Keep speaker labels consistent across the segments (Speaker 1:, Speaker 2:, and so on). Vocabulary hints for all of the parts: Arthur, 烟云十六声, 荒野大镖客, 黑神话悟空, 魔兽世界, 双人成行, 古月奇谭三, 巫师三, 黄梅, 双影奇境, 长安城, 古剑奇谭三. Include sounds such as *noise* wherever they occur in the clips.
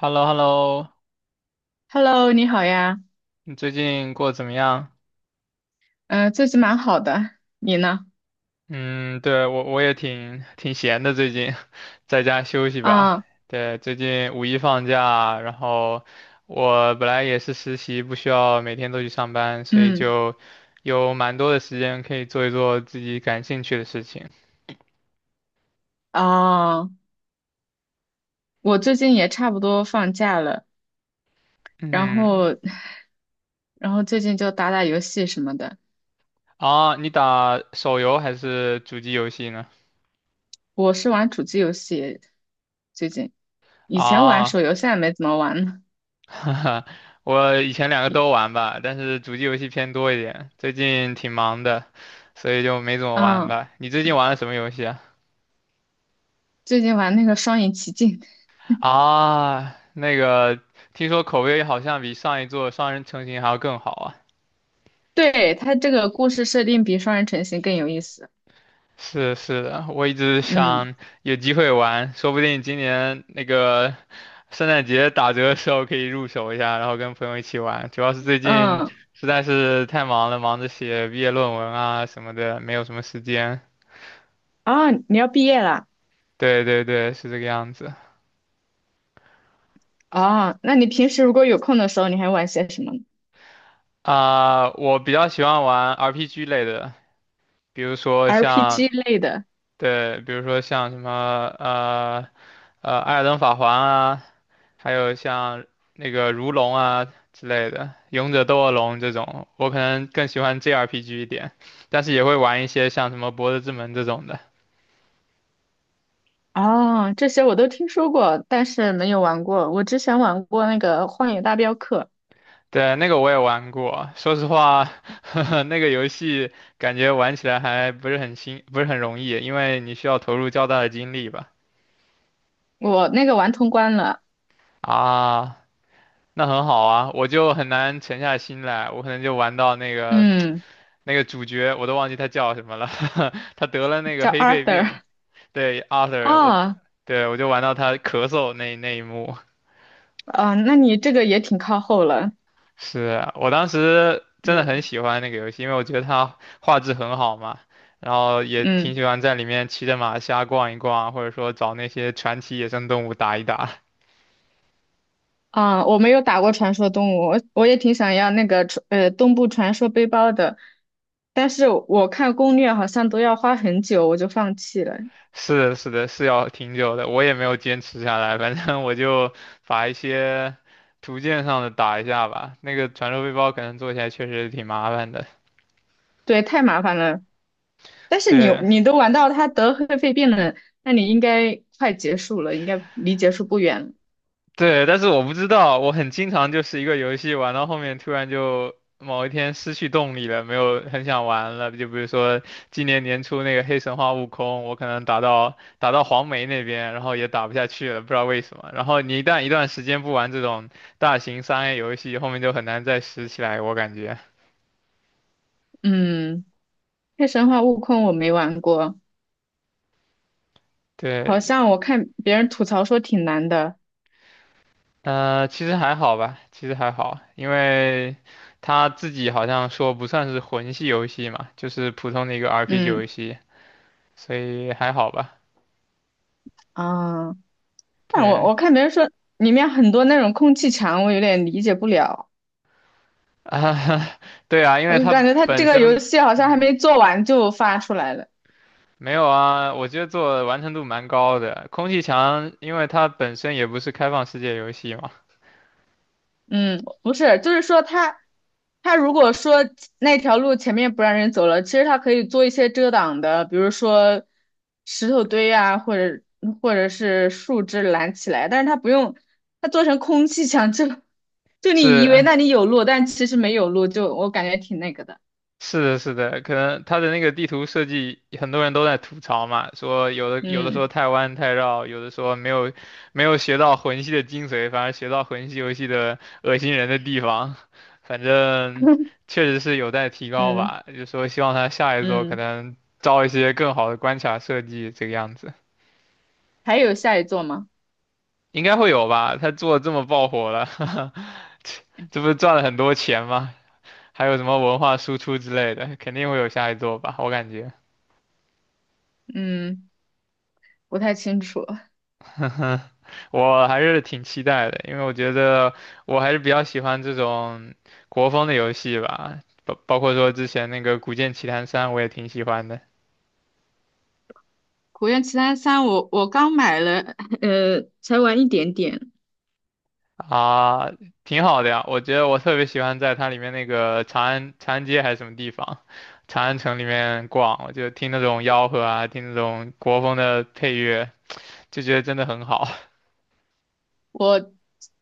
Speaker 1: Hello hello
Speaker 2: Hello，你好呀，
Speaker 1: 你最近过得怎么样？
Speaker 2: 嗯，最近蛮好的，你呢？
Speaker 1: 嗯，对，我也挺闲的，最近 *laughs* 在家休息吧。
Speaker 2: 啊，
Speaker 1: 对，最近五一放假，然后我本来也是实习，不需要每天都去上班，所以
Speaker 2: 嗯，
Speaker 1: 就有蛮多的时间可以做一做自己感兴趣的事情。
Speaker 2: 哦，我最近也差不多放假了，然
Speaker 1: 嗯，
Speaker 2: 后，*laughs* 然后最近就打打游戏什么的。
Speaker 1: 啊，你打手游还是主机游戏呢？
Speaker 2: 我是玩主机游戏，最近，以前玩
Speaker 1: 啊
Speaker 2: 手游，现在没怎么玩了。
Speaker 1: *laughs* 哈哈，我以前两个
Speaker 2: 你，
Speaker 1: 都玩吧，但是主机游戏偏多一点，最近挺忙的，所以就没怎么玩
Speaker 2: 啊，
Speaker 1: 吧。你最近玩了什么游戏啊？
Speaker 2: 最近玩那个《双影奇境》，
Speaker 1: 啊，那个，听说口碑好像比上一座《双人成行》还要更好啊。
Speaker 2: *laughs* 对，它这个故事设定比《双人成行》更有意思。
Speaker 1: 是的，我一直
Speaker 2: 嗯
Speaker 1: 想有机会玩，说不定今年那个圣诞节打折的时候可以入手一下，然后跟朋友一起玩。主要是最近
Speaker 2: 嗯，
Speaker 1: 实在是太忙了，忙着写毕业论文啊什么的，没有什么时间。
Speaker 2: 啊，你要毕业了？
Speaker 1: 对对对，是这个样子。
Speaker 2: 哦，那你平时如果有空的时候，你还玩些什么呢？
Speaker 1: 我比较喜欢玩 RPG 类的，比如说
Speaker 2: r p
Speaker 1: 像。
Speaker 2: g 类的。
Speaker 1: 对，比如说像什么呃《艾尔登法环》啊，还有像那个《如龙》啊之类的，《勇者斗恶龙》这种，我可能更喜欢 JRPG 一点，但是也会玩一些像什么《博德之门》这种的。
Speaker 2: 哦，这些我都听说过，但是没有玩过。我之前玩过那个《荒野大镖客》，
Speaker 1: 对，那个我也玩过，说实话，*laughs* 那个游戏感觉玩起来还不是很新，不是很容易，因为你需要投入较大的精力吧。
Speaker 2: 我那个玩通关了。
Speaker 1: 啊，那很好啊，我就很难沉下心来，我可能就玩到那个
Speaker 2: 嗯，
Speaker 1: 那个主角，我都忘记他叫什么了，*laughs* 他得了那个
Speaker 2: 叫
Speaker 1: 黑肺病，
Speaker 2: Arthur。
Speaker 1: 对，Arthur，我。
Speaker 2: 啊
Speaker 1: 对我就玩到他咳嗽那一幕，
Speaker 2: 啊，那你这个也挺靠后了。
Speaker 1: 是啊我当时真的很
Speaker 2: 嗯
Speaker 1: 喜欢那个游戏，因为我觉得它画质很好嘛，然后也挺
Speaker 2: 嗯
Speaker 1: 喜欢在里面骑着马瞎逛一逛，或者说找那些传奇野生动物打一打。
Speaker 2: 啊，我没有打过传说动物，我也挺想要那个东部传说背包的，但是我看攻略好像都要花很久，我就放弃了。
Speaker 1: 是的，是的，是要挺久的，我也没有坚持下来，反正我就把一些图鉴上的打一下吧。那个传说背包可能做起来确实挺麻烦的，
Speaker 2: 对，太麻烦了。但是你
Speaker 1: 对。
Speaker 2: 你都玩到他得黑肺病了，那你应该快结束了，应该离结束不远了。
Speaker 1: 对，但是我不知道，我很经常就是一个游戏玩到后面，突然就某一天失去动力了，没有很想玩了。就比如说今年年初那个黑神话悟空，我可能打到黄梅那边，然后也打不下去了，不知道为什么。然后你一旦一段时间不玩这种大型3A 游戏，后面就很难再拾起来，我感觉。
Speaker 2: 嗯，黑神话悟空我没玩过，
Speaker 1: 对，
Speaker 2: 好像我看别人吐槽说挺难的。
Speaker 1: 其实还好吧，其实还好，因为他自己好像说不算是魂系游戏嘛，就是普通的一个 RPG 游
Speaker 2: 嗯
Speaker 1: 戏。所以还好吧。
Speaker 2: 啊，但我
Speaker 1: 对
Speaker 2: 我看别人说里面很多那种空气墙，我有点理解不了。
Speaker 1: 啊，*laughs* 对啊，因为
Speaker 2: 我感
Speaker 1: 它
Speaker 2: 觉他这
Speaker 1: 本
Speaker 2: 个游
Speaker 1: 身
Speaker 2: 戏好像还没做完就发出来了。
Speaker 1: 没有啊，我觉得做的完成度蛮高的。空气墙，因为它本身也不是开放世界游戏嘛，
Speaker 2: 嗯，不是，就是说他，他如果说那条路前面不让人走了，其实他可以做一些遮挡的，比如说石头堆啊，或者是树枝拦起来，但是他不用，他做成空气墙，就你以为那
Speaker 1: 是
Speaker 2: 里有路，但其实没有路，就我感觉挺那个的。
Speaker 1: 是的，是的，可能他的那个地图设计，很多人都在吐槽嘛，说有的说
Speaker 2: 嗯
Speaker 1: 太弯太绕，有的说没有学到魂系的精髓，反而学到魂系游戏的恶心人的地方，反正确实是有待提高
Speaker 2: 嗯
Speaker 1: 吧。就说希望他下一座可
Speaker 2: 嗯，
Speaker 1: 能招一些更好的关卡设计，这个样子。
Speaker 2: 还有下一座吗？
Speaker 1: 应该会有吧？他做得这么爆火了，*laughs* 这不是赚了很多钱吗？还有什么文化输出之类的，肯定会有下一座吧，我感觉。
Speaker 2: 嗯，不太清楚。*laughs*
Speaker 1: 我还是挺期待的，因为我觉得我还是比较喜欢这种国风的游戏吧，包括说之前那个《古剑奇谭三》，我也挺喜欢的。
Speaker 2: 《古月奇谭三》我刚买了，才玩一点点。
Speaker 1: 啊，挺好的呀。我觉得我特别喜欢在它里面那个长安街还是什么地方，长安城里面逛，我就听那种吆喝啊，听那种国风的配乐，就觉得真的很好。 *laughs*
Speaker 2: 我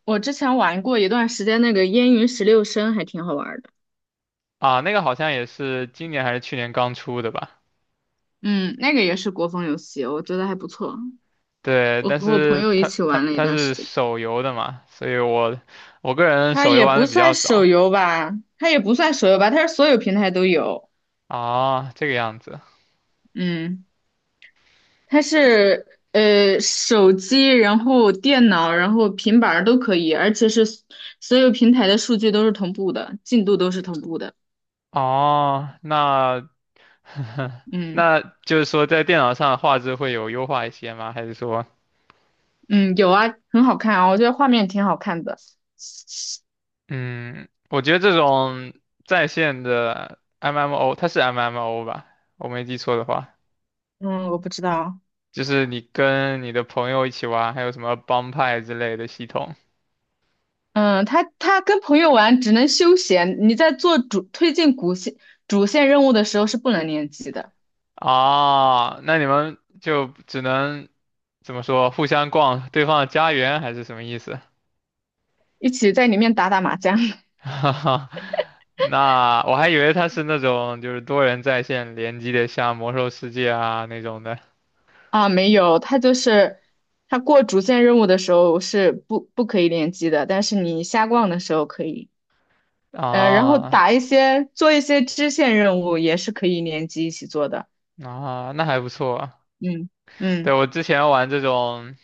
Speaker 2: 我之前玩过一段时间那个《烟云十六声》，还挺好玩的。
Speaker 1: 啊。那个好像也是今年还是去年刚出的吧。
Speaker 2: 嗯，那个也是国风游戏，我觉得还不错。
Speaker 1: 对，
Speaker 2: 我
Speaker 1: 但
Speaker 2: 和我朋
Speaker 1: 是
Speaker 2: 友一
Speaker 1: 它
Speaker 2: 起
Speaker 1: 它
Speaker 2: 玩了一
Speaker 1: 它
Speaker 2: 段时
Speaker 1: 是
Speaker 2: 间。
Speaker 1: 手游的嘛，所以我我个人
Speaker 2: 它
Speaker 1: 手游
Speaker 2: 也
Speaker 1: 玩
Speaker 2: 不
Speaker 1: 的比较
Speaker 2: 算手
Speaker 1: 少。
Speaker 2: 游吧，它也不算手游吧，它是所有平台都有。
Speaker 1: 啊，这个样子。
Speaker 2: 嗯，它是手机，然后电脑，然后平板儿都可以，而且是所有平台的数据都是同步的，进度都是同步的。
Speaker 1: 哦，那 *laughs*
Speaker 2: 嗯
Speaker 1: 那就是说在电脑上画质会有优化一些吗？还是说，
Speaker 2: 嗯，有啊，很好看啊，我觉得画面挺好看的。
Speaker 1: 嗯，我觉得这种在线的 MMO，它是 MMO 吧？我没记错的话，
Speaker 2: 嗯，我不知道。
Speaker 1: 就是你跟你的朋友一起玩，还有什么帮派之类的系统。
Speaker 2: 嗯，他跟朋友玩只能休闲，你在推进主线任务的时候是不能联机的，
Speaker 1: 哦，那你们就只能怎么说，互相逛对方的家园还是什么意思？
Speaker 2: 一起在里面打打麻将。
Speaker 1: *laughs*
Speaker 2: *laughs*
Speaker 1: 哈哈，那我还以为它是那种就是多人在线联机的，像魔兽世界啊那种的。
Speaker 2: 啊，没有，他就是他过主线任务的时候是不可以联机的，但是你瞎逛的时候可以，嗯，然后
Speaker 1: 啊。
Speaker 2: 打一些做一些支线任务也是可以联机一起做的，
Speaker 1: 啊，那还不错。
Speaker 2: 嗯
Speaker 1: 对，
Speaker 2: 嗯，
Speaker 1: 我之前玩这种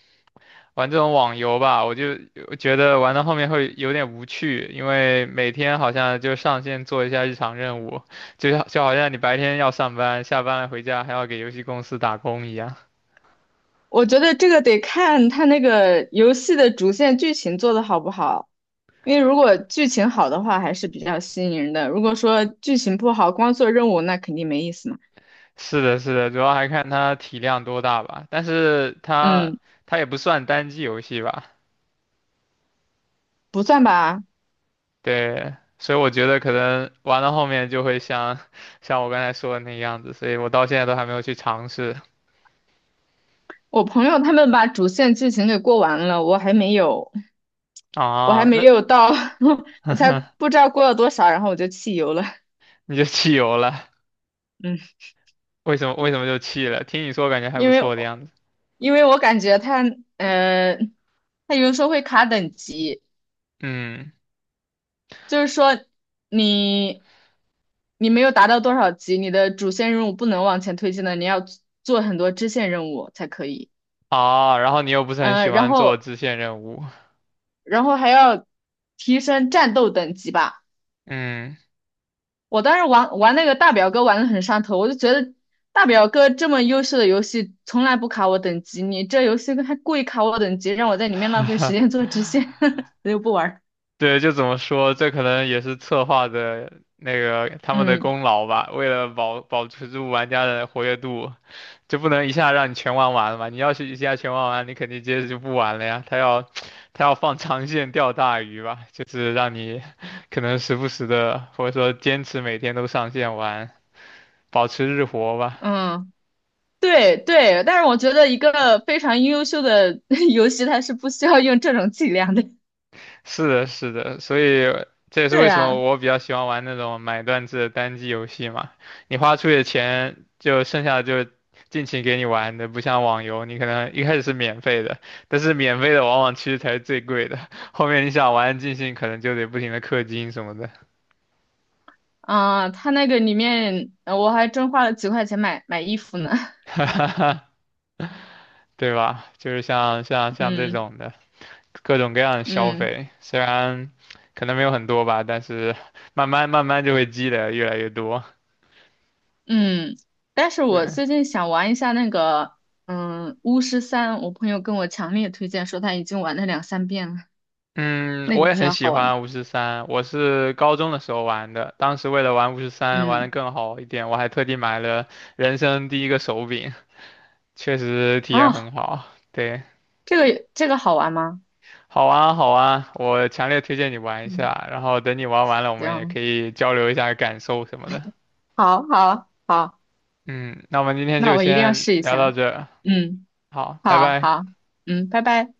Speaker 1: 玩这种网游吧，我就我觉得玩到后面会有点无趣，因为每天好像就上线做一下日常任务，就像就好像你白天要上班，下班了回家还要给游戏公司打工一样。
Speaker 2: 我觉得这个得看他那个游戏的主线剧情做的好不好。因为如果剧情好的话，还是比较吸引人的。如果说剧情不好，光做任务，那肯定没意思嘛。
Speaker 1: 是的，是的，主要还看它体量多大吧。但是它
Speaker 2: 嗯，
Speaker 1: 它也不算单机游戏吧，
Speaker 2: 不算吧。
Speaker 1: 对，所以我觉得可能玩到后面就会像 *laughs* 像我刚才说的那样子，所以我到现在都还没有去尝试。
Speaker 2: 我朋友他们把主线剧情给过完了，我还没有，我还
Speaker 1: 啊。
Speaker 2: 没
Speaker 1: 那
Speaker 2: 有到，*laughs* 我才不知道过了多少，然后我就弃游了。
Speaker 1: 你就弃游了？
Speaker 2: 嗯，
Speaker 1: 为什么就弃了？听你说感觉还不
Speaker 2: 因为
Speaker 1: 错的样子。
Speaker 2: 因为我感觉呃，他有的时候会卡等级，
Speaker 1: 嗯，
Speaker 2: 就是说你你没有达到多少级，你的主线任务不能往前推进的，你要做很多支线任务才可以。
Speaker 1: 啊，然后你又不是很喜
Speaker 2: 嗯，然
Speaker 1: 欢做
Speaker 2: 后
Speaker 1: 支线任务，
Speaker 2: 然后还要提升战斗等级吧。
Speaker 1: 嗯，
Speaker 2: 我当时玩那个大表哥玩的很上头，我就觉得大表哥这么优秀的游戏从来不卡我等级，你这游戏还故意卡我等级，让我在里面浪费时间
Speaker 1: *laughs*
Speaker 2: 做支线，*laughs* 所以我不玩儿。
Speaker 1: 对，就怎么说，这可能也是策划的那个他们的
Speaker 2: 嗯
Speaker 1: 功劳吧。为了保持住玩家的活跃度，就不能一下让你全玩完了嘛。你要是一下全玩完，你肯定接着就不玩了呀。他要 *tsk* 他要放长线钓大鱼吧，就是让你 *laughs* 可能时不时的，或者说坚持每天都上线玩，保持日活吧。
Speaker 2: 嗯。对对，但是我觉得一个非常优秀的 *laughs* 游戏，它是不需要用这种伎俩的。*laughs*
Speaker 1: 是的，是的，所以这也是
Speaker 2: 对
Speaker 1: 为什么
Speaker 2: 呀，
Speaker 1: 我比较喜欢玩那种买断制的单机游戏嘛。你花出去的钱，就剩下的就尽情给你玩的，不像网游，你可能一开始是免费的，但是免费的往往其实才是最贵的，*laughs* 后面你想玩尽兴，可能就得不停的氪金什么的，
Speaker 2: 啊，它那个里面，我还真花了几块钱买衣服呢。
Speaker 1: *laughs* 对吧？就是像像
Speaker 2: *laughs*
Speaker 1: 像这
Speaker 2: 嗯
Speaker 1: 种的各种各样的消
Speaker 2: 嗯
Speaker 1: 费，虽然可能没有很多吧，但是慢慢就会积累越来越多，
Speaker 2: 嗯，但是我
Speaker 1: 对。
Speaker 2: 最近想玩一下那个，嗯，巫师三，我朋友跟我强烈推荐说他已经玩了两三遍了，
Speaker 1: 嗯，
Speaker 2: 那个
Speaker 1: 我
Speaker 2: 比
Speaker 1: 也很
Speaker 2: 较
Speaker 1: 喜
Speaker 2: 好玩。
Speaker 1: 欢巫师三，我是高中的时候玩的，当时为了玩巫师三玩的
Speaker 2: 嗯，
Speaker 1: 更好一点，我还特地买了人生第一个手柄，确实体验很
Speaker 2: 啊，
Speaker 1: 好。对，
Speaker 2: 这个好玩吗？
Speaker 1: 好啊好啊，我强烈推荐你玩一
Speaker 2: 嗯，
Speaker 1: 下，然后等你玩完了，我们也
Speaker 2: 行，
Speaker 1: 可以交流一下感受什么的。
Speaker 2: 好，好，好，
Speaker 1: 嗯，那我们今天
Speaker 2: 那
Speaker 1: 就
Speaker 2: 我一定要
Speaker 1: 先
Speaker 2: 试一
Speaker 1: 聊到
Speaker 2: 下。
Speaker 1: 这儿。
Speaker 2: 嗯。
Speaker 1: 好，拜
Speaker 2: 好
Speaker 1: 拜。
Speaker 2: 好，嗯，拜拜。